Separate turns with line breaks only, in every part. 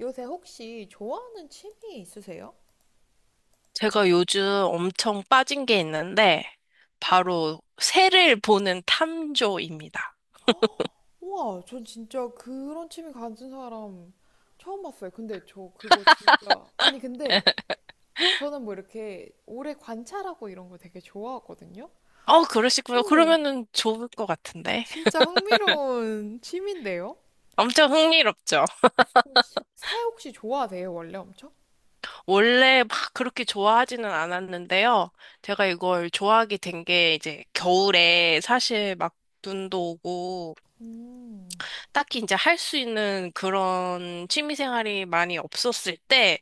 요새 혹시 좋아하는 취미 있으세요?
제가 요즘 엄청 빠진 게 있는데, 바로 새를 보는 탐조입니다.
우와, 전 진짜 그런 취미 가진 사람 처음 봤어요. 근데 저 그거 진짜, 아니, 근데 저는 뭐 이렇게 오래 관찰하고 이런 거 되게 좋아하거든요?
그러시구나.
오,
그러면은 좋을 것 같은데.
진짜 흥미로운 취미인데요?
엄청 흥미롭죠?
그럼 새 혹시 좋아하세요, 원래 엄청?
원래 막 그렇게 좋아하지는 않았는데요. 제가 이걸 좋아하게 된 게 이제 겨울에 사실 막 눈도 오고,
음,
딱히 이제 할 수 있는 그런 취미 생활이 많이 없었을 때,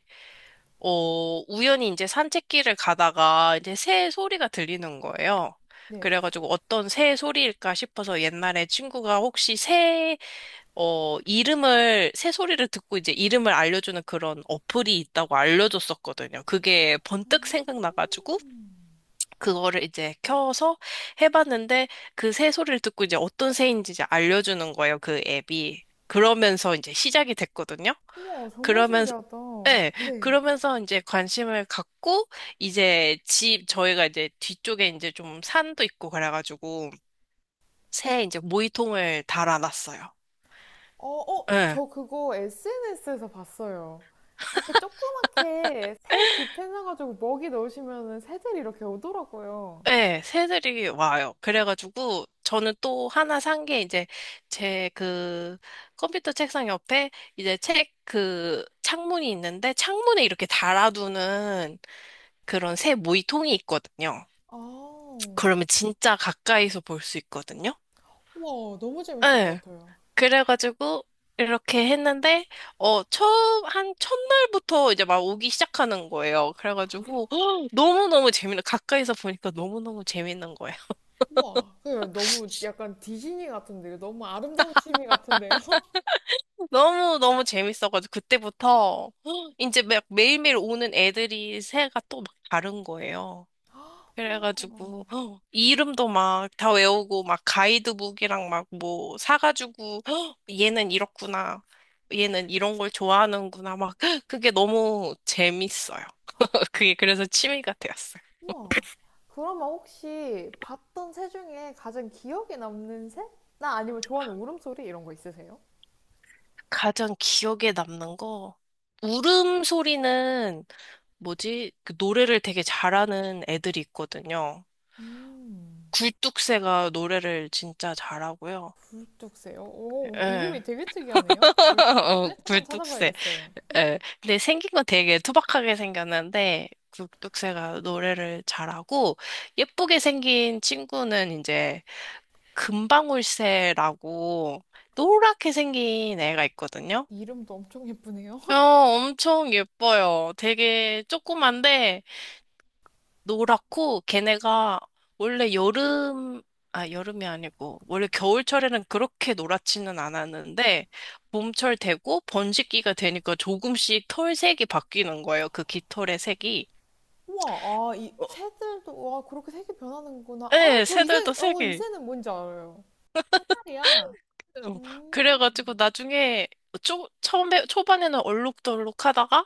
우연히 이제 산책길을 가다가 이제 새 소리가 들리는 거예요.
네.
그래가지고 어떤 새 소리일까 싶어서 옛날에 친구가 혹시 새, 이름을, 새 소리를 듣고 이제 이름을 알려주는 그런 어플이 있다고 알려줬었거든요. 그게 번뜩 생각나가지고 그거를 이제 켜서 해봤는데 그 새 소리를 듣고 이제 어떤 새인지 이제 알려주는 거예요. 그 앱이. 그러면서 이제 시작이 됐거든요.
우와, 정말 신기하다.
네,
네.
그러면서 이제 관심을 갖고, 이제 집, 저희가 이제 뒤쪽에 이제 좀 산도 있고 그래가지고, 새 이제 모이통을 달아놨어요.
어, 어,
네,
저 그거 SNS에서 봤어요. 이렇게 조그맣게 새 집해놔가지고 먹이 넣으시면은 새들이 이렇게 오더라고요.
네, 새들이 와요. 그래가지고, 저는 또 하나 산 게 이제 제 그 컴퓨터 책상 옆에 이제 책 그 창문이 있는데, 창문에 이렇게 달아두는 그런 새 모이통이 있거든요.
아,
그러면 진짜 가까이서 볼 수 있거든요.
우와, 너무 재밌을 것
예.
같아요.
그래가지고 이렇게 했는데 처음 한 첫날부터 이제 막 오기 시작하는 거예요. 그래가지고 너무너무 재밌는 가까이서 보니까 너무너무 재밌는 거예요.
우와, 그 너무 약간 디즈니 같은데요. 너무 아름다운 취미 같은데요.
너무너무 재밌어가지고 그때부터 이제 막 매일매일 오는 애들이 새가 또 막 다른 거예요.
우와,
그래가지고 헉, 이름도 막 다 외우고 막 가이드북이랑 막 뭐 사가지고 헉, 얘는 이렇구나. 얘는 이런 걸 좋아하는구나. 막 헉, 그게 너무 재밌어요. 그게 그래서 취미가 되었어요.
우와. 그러면 혹시 봤던 새 중에 가장 기억에 남는 새? 나 아니면 좋아하는 울음소리 이런 거 있으세요?
가장 기억에 남는 거 울음소리는 뭐지? 그 노래를 되게 잘하는 애들이 있거든요.
음.
굴뚝새가 노래를 진짜 잘하고요.
굴뚝새요. 오, 뭐 이름이
예.
되게 특이하네요. 굴 뚝 새 한번
굴뚝새.
찾아봐야겠어요.
예. 근데 생긴 건 되게 투박하게 생겼는데 굴뚝새가 노래를 잘하고 예쁘게 생긴 친구는 이제 금방울새라고 노랗게 생긴 애가 있거든요.
이름도 엄청 예쁘네요.
엄청 예뻐요. 되게 조그만데 노랗고 걔네가 원래 여름 아 여름이 아니고 원래 겨울철에는 그렇게 노랗지는 않았는데 봄철 되고 번식기가 되니까 조금씩 털색이 바뀌는 거예요. 그 깃털의 색이.
우와, 아, 이
어,
새들도, 와, 그렇게 색이 변하는구나. 아,
네,
저 이 새,
새들도
이
색이.
새는 뭔지 알아요. 사다리야.
어,
음,
그래가지고 나중에 처음에 초반에는 얼룩덜룩 하다가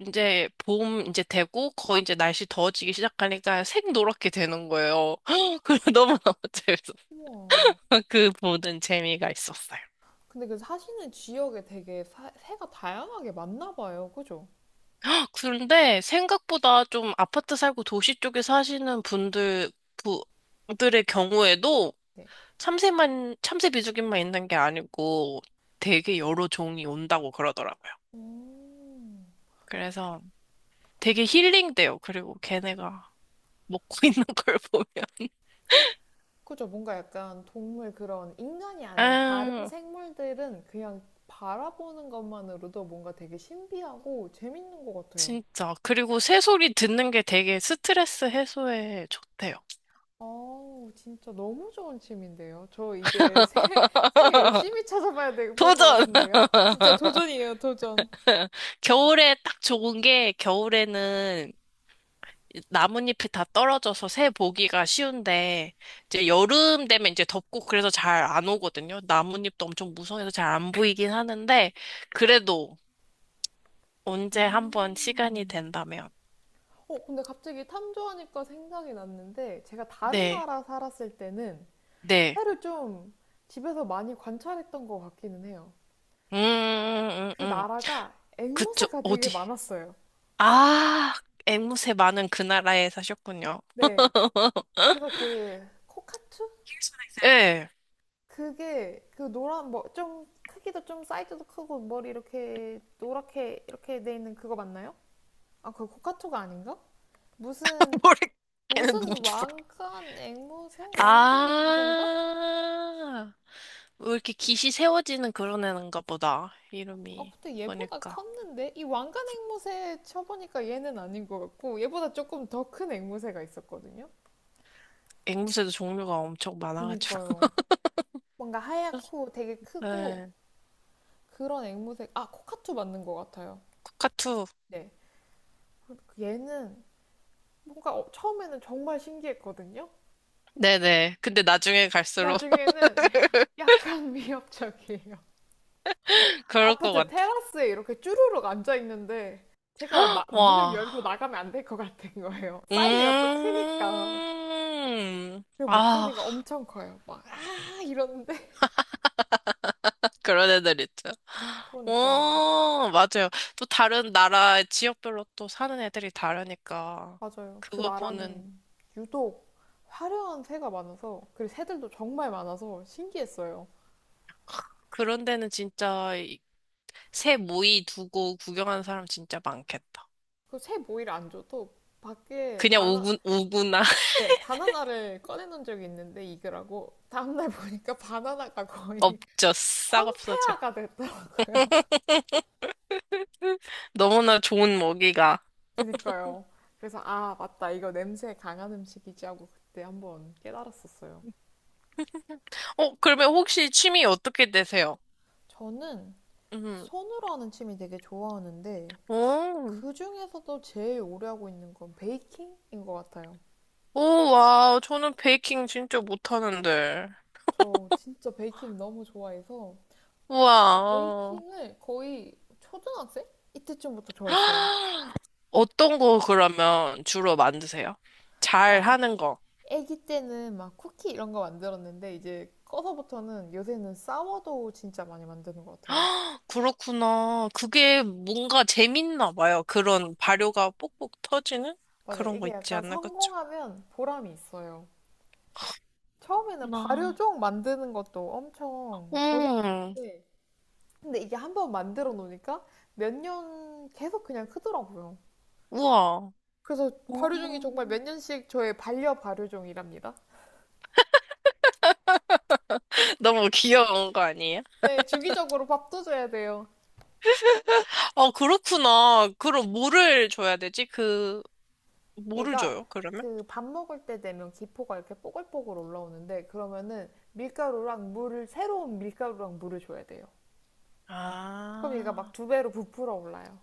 이제 봄 이제 되고 거의 이제 날씨 더워지기 시작하니까 색 노랗게 되는 거예요. 그래 너무너무 재밌어.
우와.
그 보는 재미가 있었어요.
근데 그 사시는 지역에 되게 새가 다양하게 많나 봐요. 그죠?
아, 그런데 생각보다 좀 아파트 살고 도시 쪽에 사시는 분들의 경우에도
네.
참새 비둘기만 있는 게 아니고 되게 여러 종이 온다고 그러더라고요.
음.
그래서 되게 힐링돼요. 그리고 걔네가 먹고 있는 걸 보면.
그죠. 뭔가 약간 동물 그런 인간이 아닌 다른
아,
생물들은 그냥 바라보는 것만으로도 뭔가 되게 신비하고 재밌는 것 같아요.
진짜. 그리고 새소리 듣는 게 되게 스트레스 해소에 좋대요.
아우, 진짜 너무 좋은 취미인데요. 저 이제 새, 열심히 찾아봐야 될 것
도전!
같은데요. 진짜 도전이에요, 도전.
겨울에 딱 좋은 게 겨울에는 나뭇잎이 다 떨어져서 새 보기가 쉬운데 이제 여름 되면 이제 덥고 그래서 잘 안 오거든요. 나뭇잎도 엄청 무성해서 잘 안 보이긴 하는데 그래도 언제 한번
음.
시간이 된다면
근데 갑자기 탐조하니까 생각이 났는데 제가 다른
네,
나라 살았을 때는
네,
새를 좀 집에서 많이 관찰했던 것 같기는 해요.
음, 음,
그
음, 음.
나라가
그쵸,
앵무새가 되게
어디?
많았어요.
아, 앵무새 많은 그 나라에 사셨군요.
네. 그래서 그 코카투?
예.
그게 그 노란 뭐 좀 크기도 좀 사이즈도 크고 머리 이렇게 노랗게 이렇게 돼 있는 그거 맞나요? 아, 그 코카투가 아닌가? 무슨
모르겠는
무슨
누군지 모르겠.
왕관 앵무새? 왕관 앵무새인가?
아, 왜 이렇게 깃이 세워지는 그런 애인가 보다.
아,
이름이
근데 얘보다
보니까.
컸는데 이 왕관 앵무새 쳐보니까 얘는 아닌 것 같고 얘보다 조금 더 큰 앵무새가 있었거든요.
앵무새도 종류가 엄청 많아가지고.
그니까요. 뭔가 하얗고 되게 크고
네,
그런 앵무새. 아, 코카투 맞는 것 같아요.
코카투.
네. 얘는 뭔가 처음에는 정말 신기했거든요.
네네. 근데 나중에 갈수록
나중에는 약간 위협적이에요.
그럴 것
아파트
같아.
테라스에 이렇게 쭈루룩 앉아 있는데 제가 문을
와.
열고 나가면 안 될 것 같은 거예요. 사이즈가 또 크니까.
음.
그리고
아,
목소리가 엄청 커요. 막, 아! 이러는데.
그런 애들 있죠.
그러니까요.
오, 맞아요. 또 다른 나라 지역별로 또 사는 애들이 다르니까.
맞아요. 그
그거 보는,
나라는 유독 화려한 새가 많아서, 그리고 새들도 정말 많아서 신기했어요.
그런 데는 진짜 새 모이 두고 구경하는 사람 진짜 많겠다.
그 새 모이를 안 줘도 밖에
그냥
바나,
오구나.
네, 바나나를 꺼내놓은 적이 있는데 익으라고 다음날 보니까 바나나가 거의
없죠. 싹 없어져.
황폐화가 됐더라고요.
너무나 좋은 먹이가.
그니까요. 그래서 아, 맞다. 이거 냄새 강한 음식이지 하고 그때 한번 깨달았었어요.
어, 그러면 혹시 취미 어떻게 되세요?
저는
음.
손으로 하는 취미 되게 좋아하는데
오,
그 중에서도 제일 오래 하고 있는 건 베이킹인 것 같아요.
오, 와, 저는 베이킹 진짜 못하는데.
저 진짜 베이킹 너무 좋아해서 제가
우와.
베이킹을 거의 초등학생? 이때쯤부터 좋아했어요.
어떤 거 그러면 주로 만드세요? 잘
막
하는 거.
아기 때는 막 쿠키 이런 거 만들었는데 이제 커서부터는 요새는 싸워도 진짜 많이 만드는 것 같아요.
그렇구나. 그게 뭔가 재밌나 봐요. 그런 발효가 뽁뽁 터지는
맞아요.
그런 거
이게
있지
약간
않나, 그쵸?
성공하면 보람이 있어요. 처음에는
나.
발효종 만드는 것도 엄청
음,
고생했는데 근데 이게 한번 만들어 놓으니까 몇 년 계속 그냥 크더라고요.
우와.
그래서
오.
발효종이 정말 몇 년씩 저의 반려 발효종이랍니다.
너무 귀여운 거 아니에요?
네, 주기적으로 밥도 줘야 돼요.
아, 그렇구나. 그럼 뭐를 줘야 되지? 그, 뭐를
얘가
줘요, 그러면?
그 밥 먹을 때 되면 기포가 이렇게 뽀글뽀글 올라오는데 그러면은 밀가루랑 물을 새로운 밀가루랑 물을 줘야 돼요. 그럼 얘가 막
아,
두 배로 부풀어 올라요.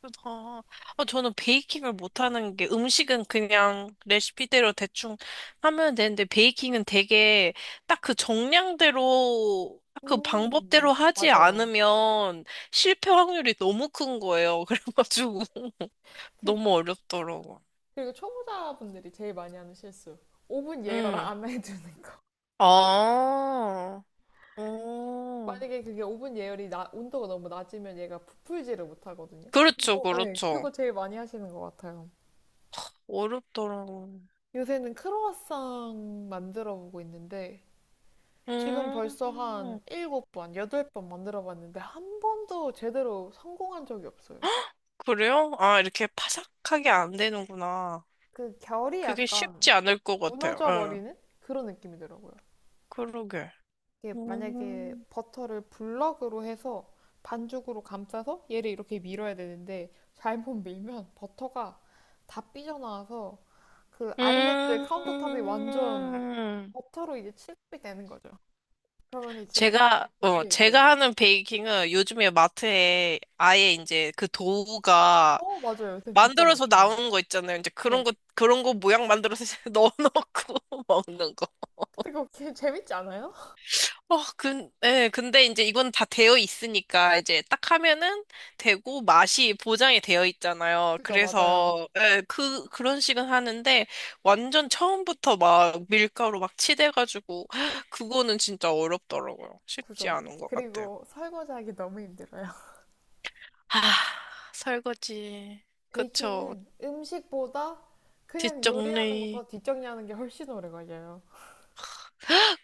그렇다. 아, 저는 베이킹을 못하는 게 음식은 그냥 레시피대로 대충 하면 되는데 베이킹은 되게 딱 그 정량대로, 딱그
음.
방법대로 하지
맞아요.
않으면 실패 확률이 너무 큰 거예요. 그래가지고
그-
너무 어렵더라고.
그리고 초보자분들이 제일 많이 하는 실수. 오븐 예열
응.
안 해두는 거.
아, 오.
만약에 그게 오븐 예열이 온도가 너무 낮으면 얘가 부풀지를 못하거든요.
그렇죠,
그거, 네,
그렇죠.
그거 제일 많이 하시는 것 같아요.
어렵더라고.
요새는 크로와상 만들어 보고 있는데 지금 벌써 한
음,
7번, 8번 만들어 봤는데 한 번도 제대로 성공한 적이 없어요.
그래요? 아, 이렇게 파삭하게 안 되는구나.
그 결이
그게
약간
쉽지 않을 것 같아요.
무너져
예,
버리는 그런 느낌이더라고요.
그러게.
이게 만약에
음,
버터를 블럭으로 해서 반죽으로 감싸서 얘를 이렇게 밀어야 되는데 잘못 밀면 버터가 다 삐져나와서 그 아일랜드 카운터탑이 완전
음,
버터로 이제 칠 u 이 되는 거죠. 그러면 이제 네네.
제가 하는 베이킹은 요즘에 마트에 아예 이제 그 도우가
어, 맞아요. 요새 진짜
만들어서
많죠.
나오는 거 있잖아요. 이제 그런
네.
거, 그런 거 모양 만들어서 넣어놓고 먹는 거.
근데 그거 재밌지 않아요?
예, 근데 이제 이건 다 되어 있으니까 이제 딱 하면은 되고 맛이 보장이 되어 있잖아요.
그죠, 맞아요.
그래서 예, 그런 식은 하는데 완전 처음부터 막 밀가루 막 치대가지고 그거는 진짜 어렵더라고요. 쉽지
그죠.
않은 것 같아요.
그리고 설거지하기 너무 힘들어요.
아, 설거지. 그쵸.
베이킹은 음식보다 그냥 요리하는
뒷정리.
것보다 뒷정리하는 게 훨씬 오래 걸려요.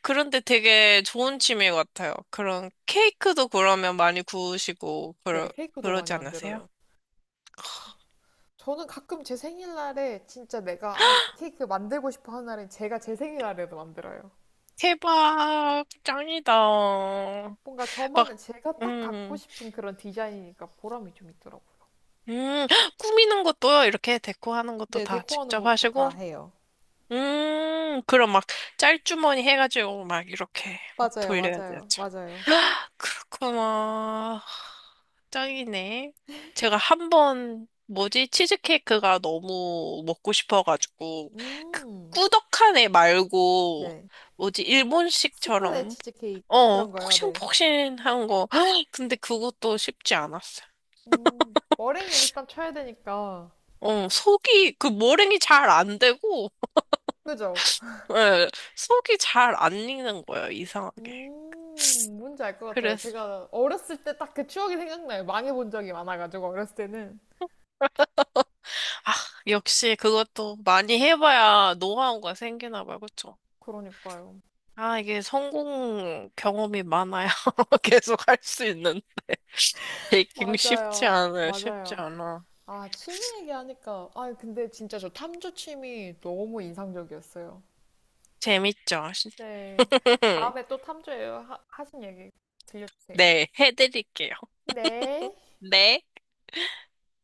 그런데 되게 좋은 취미 같아요. 그런 케이크도 그러면 많이 구우시고
네,
그러,
케이크도 많이
그러지 않으세요?
만들어요. 저, 저는 가끔 제 생일날에 진짜 내가 아, 이 케이크 만들고 싶어 하는 날엔 제가 제 생일날에도 만들어요.
대박, 짱이다. 막,
뭔가 저만의 제가 딱 갖고
음,
싶은 그런 디자인이니까 보람이 좀 있더라고요.
음, 꾸미는 것도요, 이렇게 데코하는 것도
네,
다
데코하는
직접
것도 다
하시고,
해요.
그럼 막 짤주머니 해가지고 막 이렇게 막
맞아요,
돌려야
맞아요,
되죠.
맞아요.
그렇구나. 짱이네. 제가 한 번, 뭐지, 치즈케이크가 너무 먹고 싶어가지고, 그
음,
꾸덕한 애 말고,
네.
뭐지,
수플레
일본식처럼
치즈케이크
어,
그런 거요, 네.
폭신폭신한 거. 근데 그것도 쉽지 않았어요.
머랭을 일단 쳐야 되니까.
그 머랭이 잘 안 되고,
그죠?
예, 속이 잘 안 익는 거예요, 이상하게.
뭔지 알 것 같아요.
그래서,
제가 어렸을 때 딱 그 추억이 생각나요. 망해본 적이 많아가지고, 어렸을 때는.
아, 역시 그것도 많이 해봐야 노하우가 생기나 봐요, 그쵸?
그러니까요.
아, 이게 성공 경험이 많아야 계속 할 수 있는 베이킹 쉽지
맞아요.
않아요, 쉽지
맞아요.
않아.
아, 취미 얘기하니까. 아, 근데 진짜 저 탐조 취미 너무 인상적이었어요.
재밌죠?
네. 다음에 또 탐조예요. 하신 얘기 들려주세요.
네, 해드릴게요.
네.
네.